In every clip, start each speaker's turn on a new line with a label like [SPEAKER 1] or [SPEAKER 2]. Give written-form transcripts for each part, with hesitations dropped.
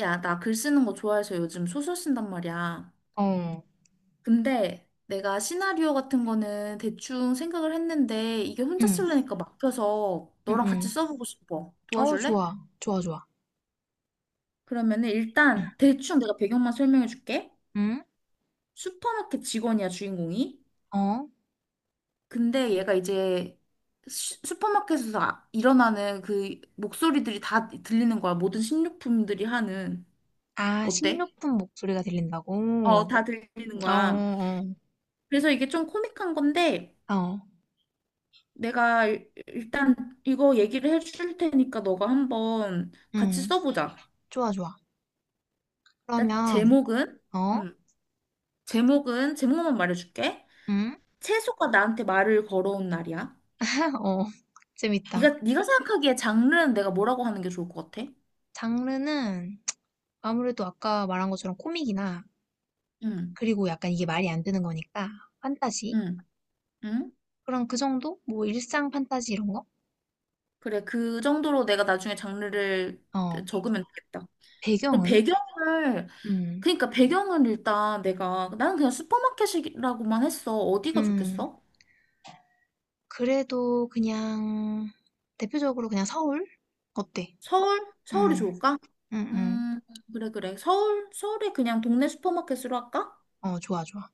[SPEAKER 1] 야, 나 글 쓰는 거 좋아해서 요즘 소설 쓴단 말이야.
[SPEAKER 2] 어.
[SPEAKER 1] 근데 내가 시나리오 같은 거는 대충 생각을 했는데 이게 혼자
[SPEAKER 2] 응.
[SPEAKER 1] 쓰려니까 막혀서 너랑 같이
[SPEAKER 2] 응응.
[SPEAKER 1] 써보고 싶어.
[SPEAKER 2] 어
[SPEAKER 1] 도와줄래?
[SPEAKER 2] 좋아. 좋아, 좋아.
[SPEAKER 1] 그러면은
[SPEAKER 2] 응.
[SPEAKER 1] 일단 대충 내가 배경만 설명해 줄게.
[SPEAKER 2] 응?
[SPEAKER 1] 슈퍼마켓 직원이야, 주인공이.
[SPEAKER 2] 어?
[SPEAKER 1] 근데 얘가 이제 슈퍼마켓에서 일어나는 그 목소리들이 다 들리는 거야. 모든 식료품들이 하는.
[SPEAKER 2] 아, 식료
[SPEAKER 1] 어때?
[SPEAKER 2] 분 목소리가 들린다고?
[SPEAKER 1] 어, 다 들리는
[SPEAKER 2] 어,
[SPEAKER 1] 거야.
[SPEAKER 2] 어.
[SPEAKER 1] 그래서 이게 좀 코믹한 건데
[SPEAKER 2] 어.
[SPEAKER 1] 내가 일단 이거 얘기를 해줄 테니까 너가 한번 같이
[SPEAKER 2] 응.
[SPEAKER 1] 써보자.
[SPEAKER 2] 좋아, 좋아.
[SPEAKER 1] 나
[SPEAKER 2] 그러면
[SPEAKER 1] 제목은,
[SPEAKER 2] 어?
[SPEAKER 1] 음, 제목은 제목만 말해줄게.
[SPEAKER 2] 응?
[SPEAKER 1] 채소가 나한테 말을 걸어온 날이야.
[SPEAKER 2] 어. 재밌다.
[SPEAKER 1] 네가 생각하기에 장르는 내가 뭐라고 하는 게 좋을 것 같아?
[SPEAKER 2] 장르는 아무래도 아까 말한 것처럼 코믹이나
[SPEAKER 1] 응,
[SPEAKER 2] 그리고 약간 이게 말이 안 되는 거니까 판타지?
[SPEAKER 1] 응, 응.
[SPEAKER 2] 그럼 그 정도? 뭐 일상 판타지 이런 거?
[SPEAKER 1] 그래, 그 정도로 내가 나중에 장르를
[SPEAKER 2] 어.
[SPEAKER 1] 적으면 되겠다. 그럼
[SPEAKER 2] 배경은?
[SPEAKER 1] 배경을,
[SPEAKER 2] 음.
[SPEAKER 1] 그러니까 배경을 일단 내가 나는 그냥 슈퍼마켓이라고만 했어. 어디가
[SPEAKER 2] 음.
[SPEAKER 1] 좋겠어?
[SPEAKER 2] 그래도 그냥 대표적으로 그냥 서울? 어때?
[SPEAKER 1] 서울? 서울이
[SPEAKER 2] 응,
[SPEAKER 1] 좋을까?
[SPEAKER 2] 응, 응.
[SPEAKER 1] 음, 그래, 그래. 서울? 서울에 그냥 동네 슈퍼마켓으로 할까?
[SPEAKER 2] 어, 좋아, 좋아.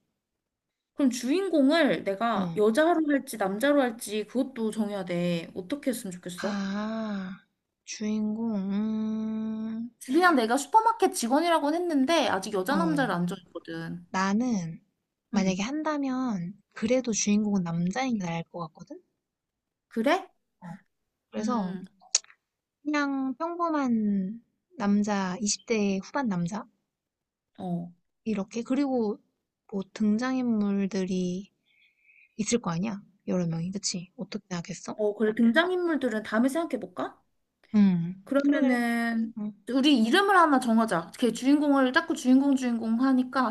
[SPEAKER 1] 그럼 주인공을
[SPEAKER 2] 어.
[SPEAKER 1] 내가 여자로 할지 남자로 할지 그것도 정해야 돼. 어떻게 했으면 좋겠어?
[SPEAKER 2] 아, 주인공,
[SPEAKER 1] 그냥 내가 슈퍼마켓 직원이라고는 했는데 아직 여자 남자를
[SPEAKER 2] 어.
[SPEAKER 1] 안 정했거든.
[SPEAKER 2] 나는 만약에
[SPEAKER 1] 음,
[SPEAKER 2] 한다면 그래도 주인공은 남자인 게 나을 것 같거든?
[SPEAKER 1] 그래?
[SPEAKER 2] 어. 그래서
[SPEAKER 1] 음,
[SPEAKER 2] 그냥 평범한 남자, 20대 후반 남자?
[SPEAKER 1] 어.
[SPEAKER 2] 이렇게. 그리고 뭐 등장인물들이 있을 거 아니야? 여러 명이. 그치? 어떻게 하겠어?
[SPEAKER 1] 어, 그래. 등장인물들은 다음에 생각해볼까?
[SPEAKER 2] 응. 그래, 그래.
[SPEAKER 1] 그러면은, 우리 이름을 하나 정하자. 걔 주인공을 자꾸 주인공 주인공 하니까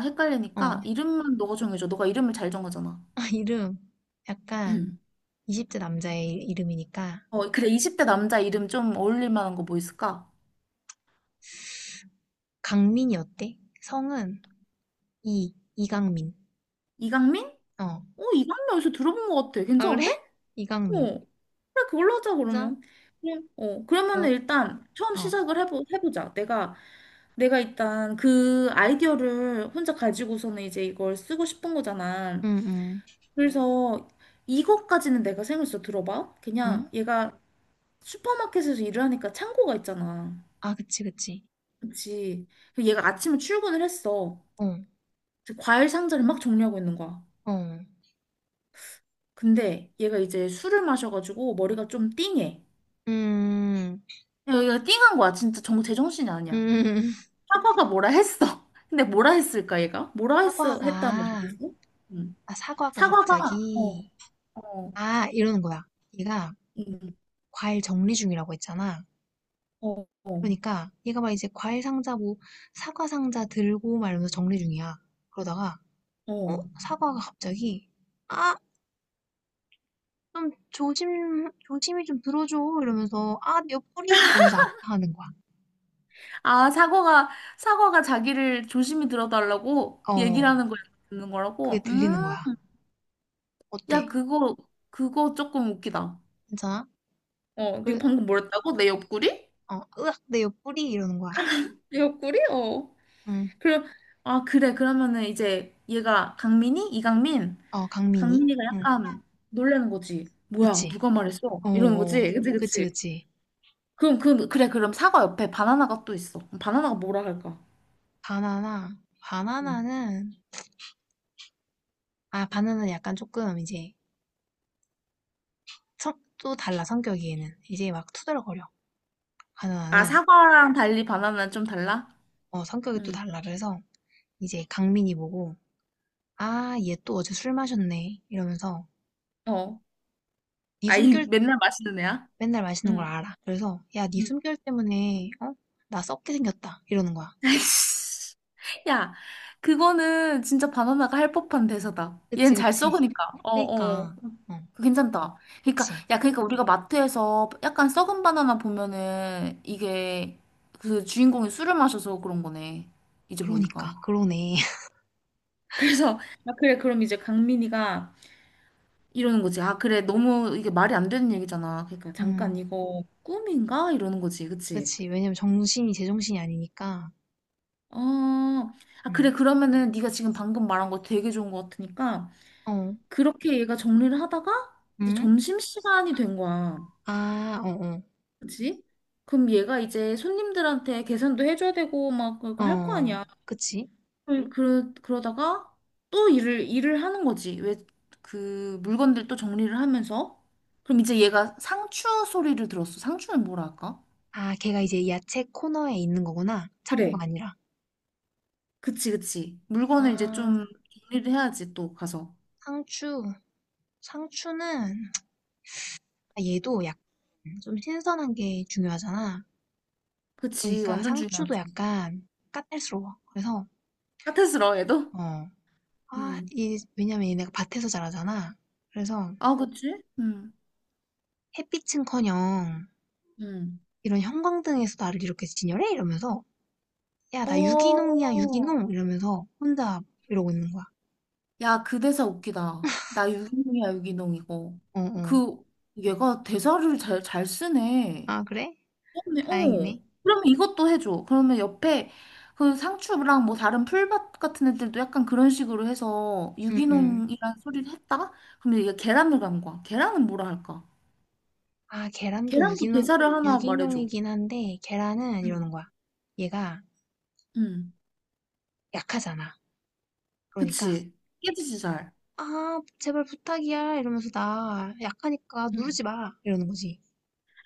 [SPEAKER 2] 어, 어.
[SPEAKER 1] 헷갈리니까 이름만 너가 정해줘. 너가 이름을 잘 정하잖아.
[SPEAKER 2] 이름. 약간
[SPEAKER 1] 응.
[SPEAKER 2] 20대 남자의 이름이니까.
[SPEAKER 1] 어, 그래, 20대 남자 이름 좀 어울릴 만한 거 뭐 있을까?
[SPEAKER 2] 강민이 어때? 성은 이강민.
[SPEAKER 1] 이강민?
[SPEAKER 2] 어.
[SPEAKER 1] 어, 이강민 어디서 들어본 것 같아.
[SPEAKER 2] 아, 그래?
[SPEAKER 1] 괜찮은데?
[SPEAKER 2] 이강민.
[SPEAKER 1] 어. 그래, 그걸로 하자,
[SPEAKER 2] 그래서,
[SPEAKER 1] 그러면. 그럼, 어, 그러면은
[SPEAKER 2] 여,
[SPEAKER 1] 일단 처음
[SPEAKER 2] 어.
[SPEAKER 1] 시작을 해보자. 내가, 내가 일단 그 아이디어를 혼자 가지고서는 이제 이걸 쓰고 싶은 거잖아.
[SPEAKER 2] 응, 응,
[SPEAKER 1] 그래서 이것까지는 내가 생각했어. 들어봐. 그냥
[SPEAKER 2] 응?
[SPEAKER 1] 얘가 슈퍼마켓에서 일을 하니까 창고가 있잖아.
[SPEAKER 2] 아, 그치, 그치.
[SPEAKER 1] 그치. 그리고 얘가 아침에 출근을 했어.
[SPEAKER 2] 어,
[SPEAKER 1] 과일 상자를 막 정리하고 있는 거야.
[SPEAKER 2] 어.
[SPEAKER 1] 근데 얘가 이제 술을 마셔가지고 머리가 좀 띵해.
[SPEAKER 2] 음,
[SPEAKER 1] 얘가 띵한 거야. 진짜 제정신이 아니야.
[SPEAKER 2] 음.
[SPEAKER 1] 사과가 뭐라 했어. 근데 뭐라 했을까, 얘가? 뭐라 했어, 했다면
[SPEAKER 2] 사과가,
[SPEAKER 1] 좋겠어? 음.
[SPEAKER 2] 아, 사과가
[SPEAKER 1] 사과가, 어,
[SPEAKER 2] 갑자기,
[SPEAKER 1] 어,
[SPEAKER 2] 아, 이러는 거야. 얘가
[SPEAKER 1] 음,
[SPEAKER 2] 과일 정리 중이라고 했잖아.
[SPEAKER 1] 어, 어,
[SPEAKER 2] 그러니까 얘가 막 이제 과일 상자 뭐 사과 상자 들고 막 이러면서 정리 중이야. 그러다가 어?
[SPEAKER 1] 어.
[SPEAKER 2] 사과가 갑자기 아! 좀 조심 조심히 좀 들어줘 이러면서 아 내 옆구리 이러면서 아파하는 거야.
[SPEAKER 1] 아, 사과가, 사과가 자기를 조심히 들어달라고 얘기를
[SPEAKER 2] 어
[SPEAKER 1] 하는 걸 듣는
[SPEAKER 2] 그게
[SPEAKER 1] 거라고?
[SPEAKER 2] 들리는 거야.
[SPEAKER 1] 야,
[SPEAKER 2] 어때?
[SPEAKER 1] 그거, 그거 조금 웃기다.
[SPEAKER 2] 괜찮아?
[SPEAKER 1] 어, 네가
[SPEAKER 2] 그래
[SPEAKER 1] 방금 뭐랬다고? 내 옆구리?
[SPEAKER 2] 어 으악 내 옆구리 이러는 거야.
[SPEAKER 1] 내 옆구리? 어.
[SPEAKER 2] 응.
[SPEAKER 1] 그래, 아, 그래. 그러면은 이제 얘가 강민이? 이강민?
[SPEAKER 2] 어 강민이.
[SPEAKER 1] 강민이가
[SPEAKER 2] 응.
[SPEAKER 1] 약간 놀라는 거지. 뭐야,
[SPEAKER 2] 그치?
[SPEAKER 1] 누가 말했어?
[SPEAKER 2] 어
[SPEAKER 1] 이러는
[SPEAKER 2] 어.
[SPEAKER 1] 거지. 그치,
[SPEAKER 2] 그치
[SPEAKER 1] 그치.
[SPEAKER 2] 그치.
[SPEAKER 1] 그럼, 그, 그래. 그럼 사과 옆에 바나나가 또 있어. 그럼 바나나가 뭐라 할까?
[SPEAKER 2] 바나나
[SPEAKER 1] 음.
[SPEAKER 2] 바나나는 아 바나나는 약간 조금 이제 또 달라 성격이 얘는 이제 막 투덜거려
[SPEAKER 1] 아,
[SPEAKER 2] 가누나는
[SPEAKER 1] 사과랑 달리 바나나는 좀 달라?
[SPEAKER 2] 어, 성격이 또
[SPEAKER 1] 응.
[SPEAKER 2] 달라 그래서 이제 강민이 보고 아 얘 또 어제 술 마셨네 이러면서
[SPEAKER 1] 어.
[SPEAKER 2] 네
[SPEAKER 1] 아이,
[SPEAKER 2] 숨결
[SPEAKER 1] 맨날 마시는 애야?
[SPEAKER 2] 맨날 마시는 걸
[SPEAKER 1] 응.
[SPEAKER 2] 알아 그래서 야 네
[SPEAKER 1] 응.
[SPEAKER 2] 숨결 때문에 어? 나 썩게 생겼다 이러는 거야
[SPEAKER 1] 아이씨. 야, 그거는 진짜 바나나가 할 법한 대사다. 얘는
[SPEAKER 2] 그치
[SPEAKER 1] 잘
[SPEAKER 2] 그치
[SPEAKER 1] 썩으니까. 어, 어.
[SPEAKER 2] 그니까 어
[SPEAKER 1] 그거 괜찮다. 그러니까
[SPEAKER 2] 그치
[SPEAKER 1] 야, 그러니까 우리가 마트에서 약간 썩은 바나나 보면은 이게 그 주인공이 술을 마셔서 그런 거네. 이제
[SPEAKER 2] 그러니까
[SPEAKER 1] 보니까.
[SPEAKER 2] 그러네
[SPEAKER 1] 그래서 아 그래 그럼 이제 강민이가 이러는 거지. 아 그래 너무 이게 말이 안 되는 얘기잖아. 그러니까 잠깐
[SPEAKER 2] 음
[SPEAKER 1] 이거 꿈인가 이러는 거지. 그치?
[SPEAKER 2] 그치 왜냐면 정신이 제정신이 아니니까
[SPEAKER 1] 어. 아
[SPEAKER 2] 음
[SPEAKER 1] 그래 그러면은 네가 지금 방금 말한 거 되게 좋은 거 같으니까
[SPEAKER 2] 어
[SPEAKER 1] 그렇게 얘가 정리를 하다가 이제
[SPEAKER 2] 음
[SPEAKER 1] 점심시간이 된 거야.
[SPEAKER 2] 아어어
[SPEAKER 1] 그치? 그럼 얘가 이제 손님들한테 계산도 해줘야 되고 막
[SPEAKER 2] 어,
[SPEAKER 1] 그거 할 거
[SPEAKER 2] 어.
[SPEAKER 1] 아니야.
[SPEAKER 2] 그치
[SPEAKER 1] 그, 그러다가 또 일을 하는 거지. 왜 그 물건들 또 정리를 하면서. 그럼 이제 얘가 상추 소리를 들었어. 상추는 뭐라 할까?
[SPEAKER 2] 아, 걔가 이제 야채 코너에 있는 거구나. 창고가
[SPEAKER 1] 그래.
[SPEAKER 2] 아니라.
[SPEAKER 1] 그치, 그치. 물건을 이제
[SPEAKER 2] 아,
[SPEAKER 1] 좀 정리를 해야지 또 가서.
[SPEAKER 2] 상추. 상추는, 아, 얘도 약간 좀 신선한 게 중요하잖아.
[SPEAKER 1] 그치,
[SPEAKER 2] 그러니까
[SPEAKER 1] 완전
[SPEAKER 2] 상추도
[SPEAKER 1] 중요하지.
[SPEAKER 2] 약간 까탈스러워. 그래서,
[SPEAKER 1] 까탈스러워, 얘도?
[SPEAKER 2] 어,
[SPEAKER 1] 음.
[SPEAKER 2] 왜냐면 얘네가 밭에서 자라잖아. 그래서
[SPEAKER 1] 아, 그치? 음.
[SPEAKER 2] 햇빛은커녕
[SPEAKER 1] 음.
[SPEAKER 2] 이런 형광등에서 나를 이렇게 진열해? 이러면서, 야, 나 유기농이야,
[SPEAKER 1] 어,
[SPEAKER 2] 유기농! 이러면서 혼자 이러고 있는 거야.
[SPEAKER 1] 야, 그 대사 웃기다. 나 유기농이야, 유기농 이거.
[SPEAKER 2] 어, 어.
[SPEAKER 1] 그, 얘가 대사를 잘 쓰네.
[SPEAKER 2] 아, 그래?
[SPEAKER 1] 그러네, 어.
[SPEAKER 2] 다행이네.
[SPEAKER 1] 그러면 이것도 해줘. 그러면 옆에 그 상추랑 뭐 다른 풀밭 같은 애들도 약간 그런 식으로 해서
[SPEAKER 2] 응, 응.
[SPEAKER 1] 유기농이라는 소리를 했다가, 그러면 얘가 계란을 간 거야. 계란은 뭐라 할까?
[SPEAKER 2] 아, 계란도
[SPEAKER 1] 계란도
[SPEAKER 2] 유기농,
[SPEAKER 1] 대사를 하나 말해줘.
[SPEAKER 2] 유기농이긴 한데, 계란은
[SPEAKER 1] 응,
[SPEAKER 2] 이러는 거야. 얘가
[SPEAKER 1] 응.
[SPEAKER 2] 약하잖아. 그러니까,
[SPEAKER 1] 그치. 깨지지 잘.
[SPEAKER 2] 아, 제발 부탁이야. 이러면서 나 약하니까
[SPEAKER 1] 응.
[SPEAKER 2] 누르지 마. 이러는 거지.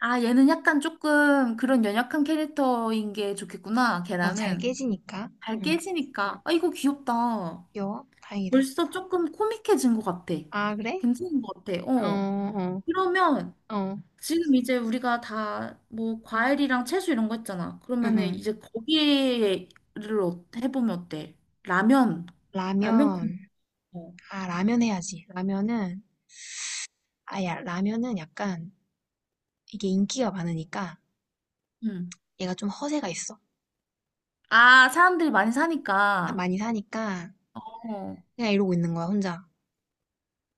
[SPEAKER 1] 아, 얘는 약간 조금 그런 연약한 캐릭터인 게 좋겠구나,
[SPEAKER 2] 어, 잘
[SPEAKER 1] 걔랑은.
[SPEAKER 2] 깨지니까.
[SPEAKER 1] 잘
[SPEAKER 2] 응,
[SPEAKER 1] 깨지니까. 아, 이거 귀엽다.
[SPEAKER 2] 귀여워. 다행이다.
[SPEAKER 1] 벌써 조금 코믹해진 것 같아.
[SPEAKER 2] 아, 그래?
[SPEAKER 1] 괜찮은 것 같아.
[SPEAKER 2] 어,
[SPEAKER 1] 어.
[SPEAKER 2] 어,
[SPEAKER 1] 그러면
[SPEAKER 2] 어,
[SPEAKER 1] 지금 이제 우리가 다 뭐 과일이랑 채소 이런 거 했잖아.
[SPEAKER 2] 응,
[SPEAKER 1] 그러면은
[SPEAKER 2] 응.
[SPEAKER 1] 이제 거기를 해보면 어때? 라면. 라면 국.
[SPEAKER 2] 라면.
[SPEAKER 1] 어.
[SPEAKER 2] 아, 라면 해야지. 라면은, 아, 야, 라면은 약간, 이게 인기가 많으니까,
[SPEAKER 1] 응.
[SPEAKER 2] 얘가 좀 허세가 있어.
[SPEAKER 1] 아, 사람들이 많이 사니까.
[SPEAKER 2] 많이 사니까,
[SPEAKER 1] 어.
[SPEAKER 2] 그냥 이러고 있는 거야, 혼자.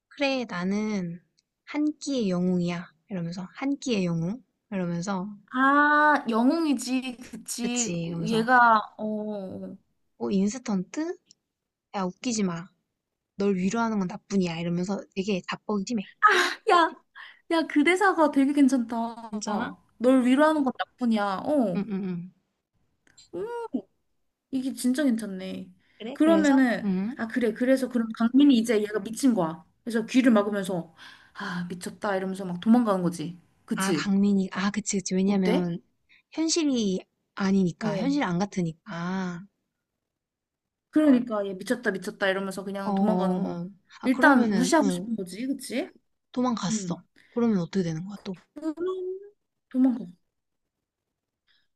[SPEAKER 2] 그래, 나는 한 끼의 영웅이야. 이러면서, 한 끼의 영웅? 이러면서,
[SPEAKER 1] 아, 영웅이지. 그치.
[SPEAKER 2] 그치, 이러면서,
[SPEAKER 1] 얘가, 어. 어, 어.
[SPEAKER 2] 어, 인스턴트? 야, 웃기지 마. 널 위로하는 건 나뿐이야. 이러면서 되게 자뻑이심해.
[SPEAKER 1] 야, 야, 그 대사가 되게 괜찮다.
[SPEAKER 2] 괜찮아?
[SPEAKER 1] 널 위로하는 건 나뿐이야.
[SPEAKER 2] 응,
[SPEAKER 1] 어,
[SPEAKER 2] 응, 응.
[SPEAKER 1] 음, 이게 진짜 괜찮네.
[SPEAKER 2] 그래? 그래서?
[SPEAKER 1] 그러면은,
[SPEAKER 2] 응.
[SPEAKER 1] 아, 그래. 그래서 그럼 강민이 이제 얘가 미친 거야. 그래서 귀를 막으면서, 아, 미쳤다. 이러면서 막 도망가는 거지.
[SPEAKER 2] 아,
[SPEAKER 1] 그치?
[SPEAKER 2] 강민이, 아, 그치, 그치.
[SPEAKER 1] 어때?
[SPEAKER 2] 왜냐면, 현실이 아니니까,
[SPEAKER 1] 어.
[SPEAKER 2] 현실 안 같으니까.
[SPEAKER 1] 그러니까 얘 미쳤다, 미쳤다. 이러면서
[SPEAKER 2] 어,
[SPEAKER 1] 그냥 도망가는
[SPEAKER 2] 어,
[SPEAKER 1] 거야.
[SPEAKER 2] 어. 아,
[SPEAKER 1] 일단
[SPEAKER 2] 그러면은,
[SPEAKER 1] 무시하고
[SPEAKER 2] 어,
[SPEAKER 1] 싶은 거지. 그치?
[SPEAKER 2] 도망갔어.
[SPEAKER 1] 응.
[SPEAKER 2] 그러면 어떻게 되는 거야, 또?
[SPEAKER 1] 그럼 도망가.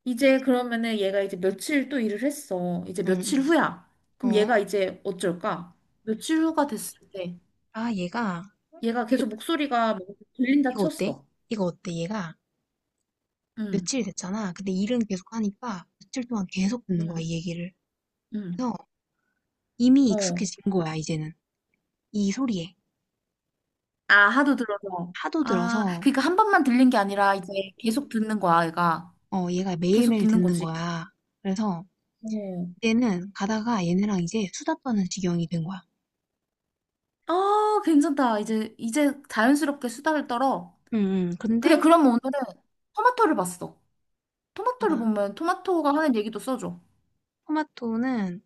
[SPEAKER 1] 이제 그러면은 얘가 이제 며칠 또 일을 했어. 이제
[SPEAKER 2] 응, 응.
[SPEAKER 1] 며칠 후야. 그럼
[SPEAKER 2] 어?
[SPEAKER 1] 얘가 이제 어쩔까? 며칠 후가 됐을 때
[SPEAKER 2] 아, 얘가,
[SPEAKER 1] 얘가 계속 목소리가 막 들린다
[SPEAKER 2] 이거 어때?
[SPEAKER 1] 쳤어.
[SPEAKER 2] 이거 어때? 얘가
[SPEAKER 1] 응,
[SPEAKER 2] 며칠 됐잖아. 근데 일은 계속 하니까 며칠 동안 계속 듣는 거야, 이
[SPEAKER 1] 응,
[SPEAKER 2] 얘기를.
[SPEAKER 1] 응.
[SPEAKER 2] 그래서 이미
[SPEAKER 1] 어.
[SPEAKER 2] 익숙해진 거야, 이제는. 이 소리에.
[SPEAKER 1] 아, 하도 들어서.
[SPEAKER 2] 하도
[SPEAKER 1] 아,
[SPEAKER 2] 들어서,
[SPEAKER 1] 그러니까 한 번만 들린 게 아니라 이제 계속 듣는 거야, 얘가.
[SPEAKER 2] 어, 얘가
[SPEAKER 1] 계속
[SPEAKER 2] 매일매일
[SPEAKER 1] 듣는
[SPEAKER 2] 듣는
[SPEAKER 1] 거지.
[SPEAKER 2] 거야. 그래서
[SPEAKER 1] 어.
[SPEAKER 2] 얘는 가다가 얘네랑 이제 수다 떠는 지경이 된 거야.
[SPEAKER 1] 아, 괜찮다. 이제, 이제 자연스럽게 수다를 떨어. 그래,
[SPEAKER 2] 근데,
[SPEAKER 1] 그럼 오늘은 토마토를 봤어. 토마토를
[SPEAKER 2] 아,
[SPEAKER 1] 보면 토마토가 하는 얘기도 써줘.
[SPEAKER 2] 토마토는,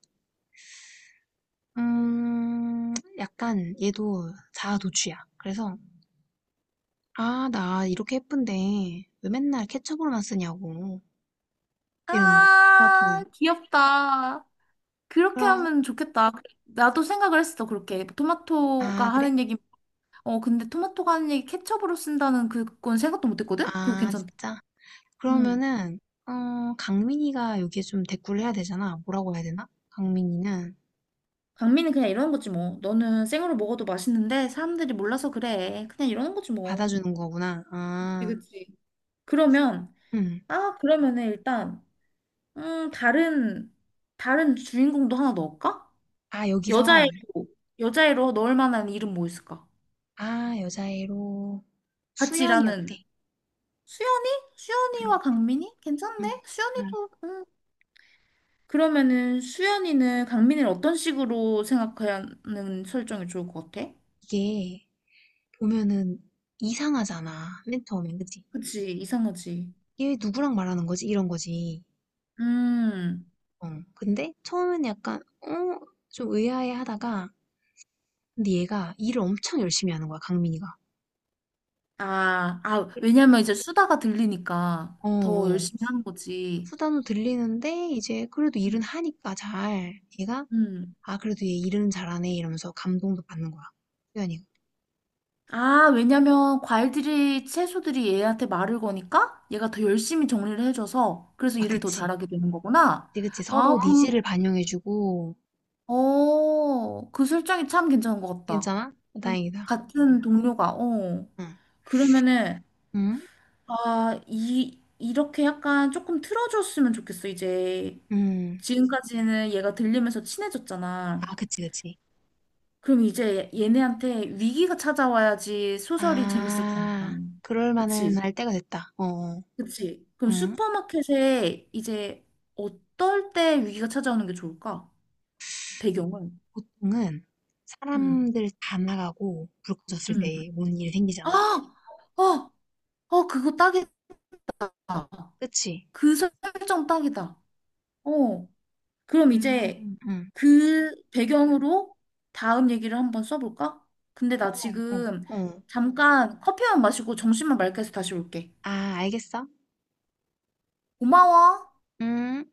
[SPEAKER 2] 약간 얘도 자아도취야. 그래서, 아, 나 이렇게 예쁜데 왜 맨날 케첩으로만 쓰냐고. 이러는 거야,
[SPEAKER 1] 아,
[SPEAKER 2] 토마토는.
[SPEAKER 1] 귀엽다. 그렇게
[SPEAKER 2] 그럼
[SPEAKER 1] 하면 좋겠다. 나도 생각을 했어, 그렇게. 토마토가
[SPEAKER 2] 아, 그래?
[SPEAKER 1] 하는 얘기, 어, 근데 토마토가 하는 얘기 케첩으로 쓴다는 그건 생각도 못 했거든? 그거
[SPEAKER 2] 아,
[SPEAKER 1] 괜찮다.
[SPEAKER 2] 진짜?
[SPEAKER 1] 응.
[SPEAKER 2] 그러면은, 어, 강민이가 여기에 좀 대꾸를 해야 되잖아. 뭐라고 해야 되나? 강민이는
[SPEAKER 1] 강미는 그냥 이러는 거지, 뭐. 너는 생으로 먹어도 맛있는데 사람들이 몰라서 그래. 그냥 이러는 거지, 뭐.
[SPEAKER 2] 받아주는 거구나.
[SPEAKER 1] 그치,
[SPEAKER 2] 아,
[SPEAKER 1] 그치. 그러면,
[SPEAKER 2] 응.
[SPEAKER 1] 아, 그러면은 일단, 다른, 다른 주인공도 하나 넣을까?
[SPEAKER 2] 아, 여기서,
[SPEAKER 1] 여자애로, 여자애로 넣을 만한 이름 뭐 있을까?
[SPEAKER 2] 아, 여자애로,
[SPEAKER 1] 같이
[SPEAKER 2] 수연이
[SPEAKER 1] 일하는.
[SPEAKER 2] 어때?
[SPEAKER 1] 수연이?
[SPEAKER 2] 응,
[SPEAKER 1] 수연이와 강민이?
[SPEAKER 2] 응,
[SPEAKER 1] 괜찮네.
[SPEAKER 2] 응.
[SPEAKER 1] 수연이도 그러면은 수연이는 강민이를 어떤 식으로 생각하는 설정이 좋을 것 같아?
[SPEAKER 2] 이게, 보면은, 이상하잖아. 맨 처음엔, 그치?
[SPEAKER 1] 그치, 이상하지.
[SPEAKER 2] 얘 누구랑 말하는 거지? 이런 거지.
[SPEAKER 1] 음.
[SPEAKER 2] 어, 근데, 처음엔 약간, 어, 좀 의아해 하다가, 근데 얘가 일을 엄청 열심히 하는 거야, 강민이가.
[SPEAKER 1] 아, 아, 왜냐면 이제 수다가 들리니까
[SPEAKER 2] 어,
[SPEAKER 1] 더
[SPEAKER 2] 어.
[SPEAKER 1] 열심히 하는 거지.
[SPEAKER 2] 수다도 들리는데 이제 그래도 일은
[SPEAKER 1] 음.
[SPEAKER 2] 하니까 잘 얘가
[SPEAKER 1] 음.
[SPEAKER 2] '아 그래도 얘 일은 잘하네.' 이러면서 감동도 받는 거야. 수연이가.
[SPEAKER 1] 아, 왜냐면 과일들이, 채소들이 얘한테 말을 거니까 얘가 더 열심히 정리를 해줘서 그래서
[SPEAKER 2] 아
[SPEAKER 1] 일을 더
[SPEAKER 2] 그치.
[SPEAKER 1] 잘하게 되는 거구나.
[SPEAKER 2] 그치, 그치. 서로
[SPEAKER 1] 아,
[SPEAKER 2] 어?
[SPEAKER 1] 그,
[SPEAKER 2] 니즈를 반영해 주고
[SPEAKER 1] 어, 그 술장이 참 괜찮은 것 같다.
[SPEAKER 2] 괜찮아?
[SPEAKER 1] 음.
[SPEAKER 2] 다행이다.
[SPEAKER 1] 같은 동료가, 어.
[SPEAKER 2] 응.
[SPEAKER 1] 그러면은,
[SPEAKER 2] 응?
[SPEAKER 1] 아, 이, 이렇게 약간 조금 틀어줬으면 좋겠어, 이제.
[SPEAKER 2] 응.
[SPEAKER 1] 지금까지는 얘가 들리면서 친해졌잖아.
[SPEAKER 2] 아 그치, 그치.
[SPEAKER 1] 그럼 이제 얘네한테 위기가 찾아와야지 소설이 재밌을 거
[SPEAKER 2] 아.
[SPEAKER 1] 아니야.
[SPEAKER 2] 그럴 만한
[SPEAKER 1] 그치?
[SPEAKER 2] 할 때가 됐다. 어어.
[SPEAKER 1] 그치? 그럼
[SPEAKER 2] 음.
[SPEAKER 1] 슈퍼마켓에 이제 어떨 때 위기가 찾아오는 게 좋을까? 배경을.
[SPEAKER 2] 보통은
[SPEAKER 1] 응,
[SPEAKER 2] 사람들 다 나가고 불 꺼졌을
[SPEAKER 1] 응.
[SPEAKER 2] 때 오는 일이
[SPEAKER 1] 아!
[SPEAKER 2] 생기잖아.
[SPEAKER 1] 어! 어, 그거 딱이다.
[SPEAKER 2] 그치?
[SPEAKER 1] 그 설정 딱이다. 어. 그럼 이제
[SPEAKER 2] 음. 음.
[SPEAKER 1] 그 배경으로 다음 얘기를 한번 써볼까? 근데 나
[SPEAKER 2] 어. 어.
[SPEAKER 1] 지금
[SPEAKER 2] 어.
[SPEAKER 1] 잠깐 커피만 마시고 정신만 맑게 해서 다시 올게.
[SPEAKER 2] 아 알겠어.
[SPEAKER 1] 고마워.
[SPEAKER 2] 음.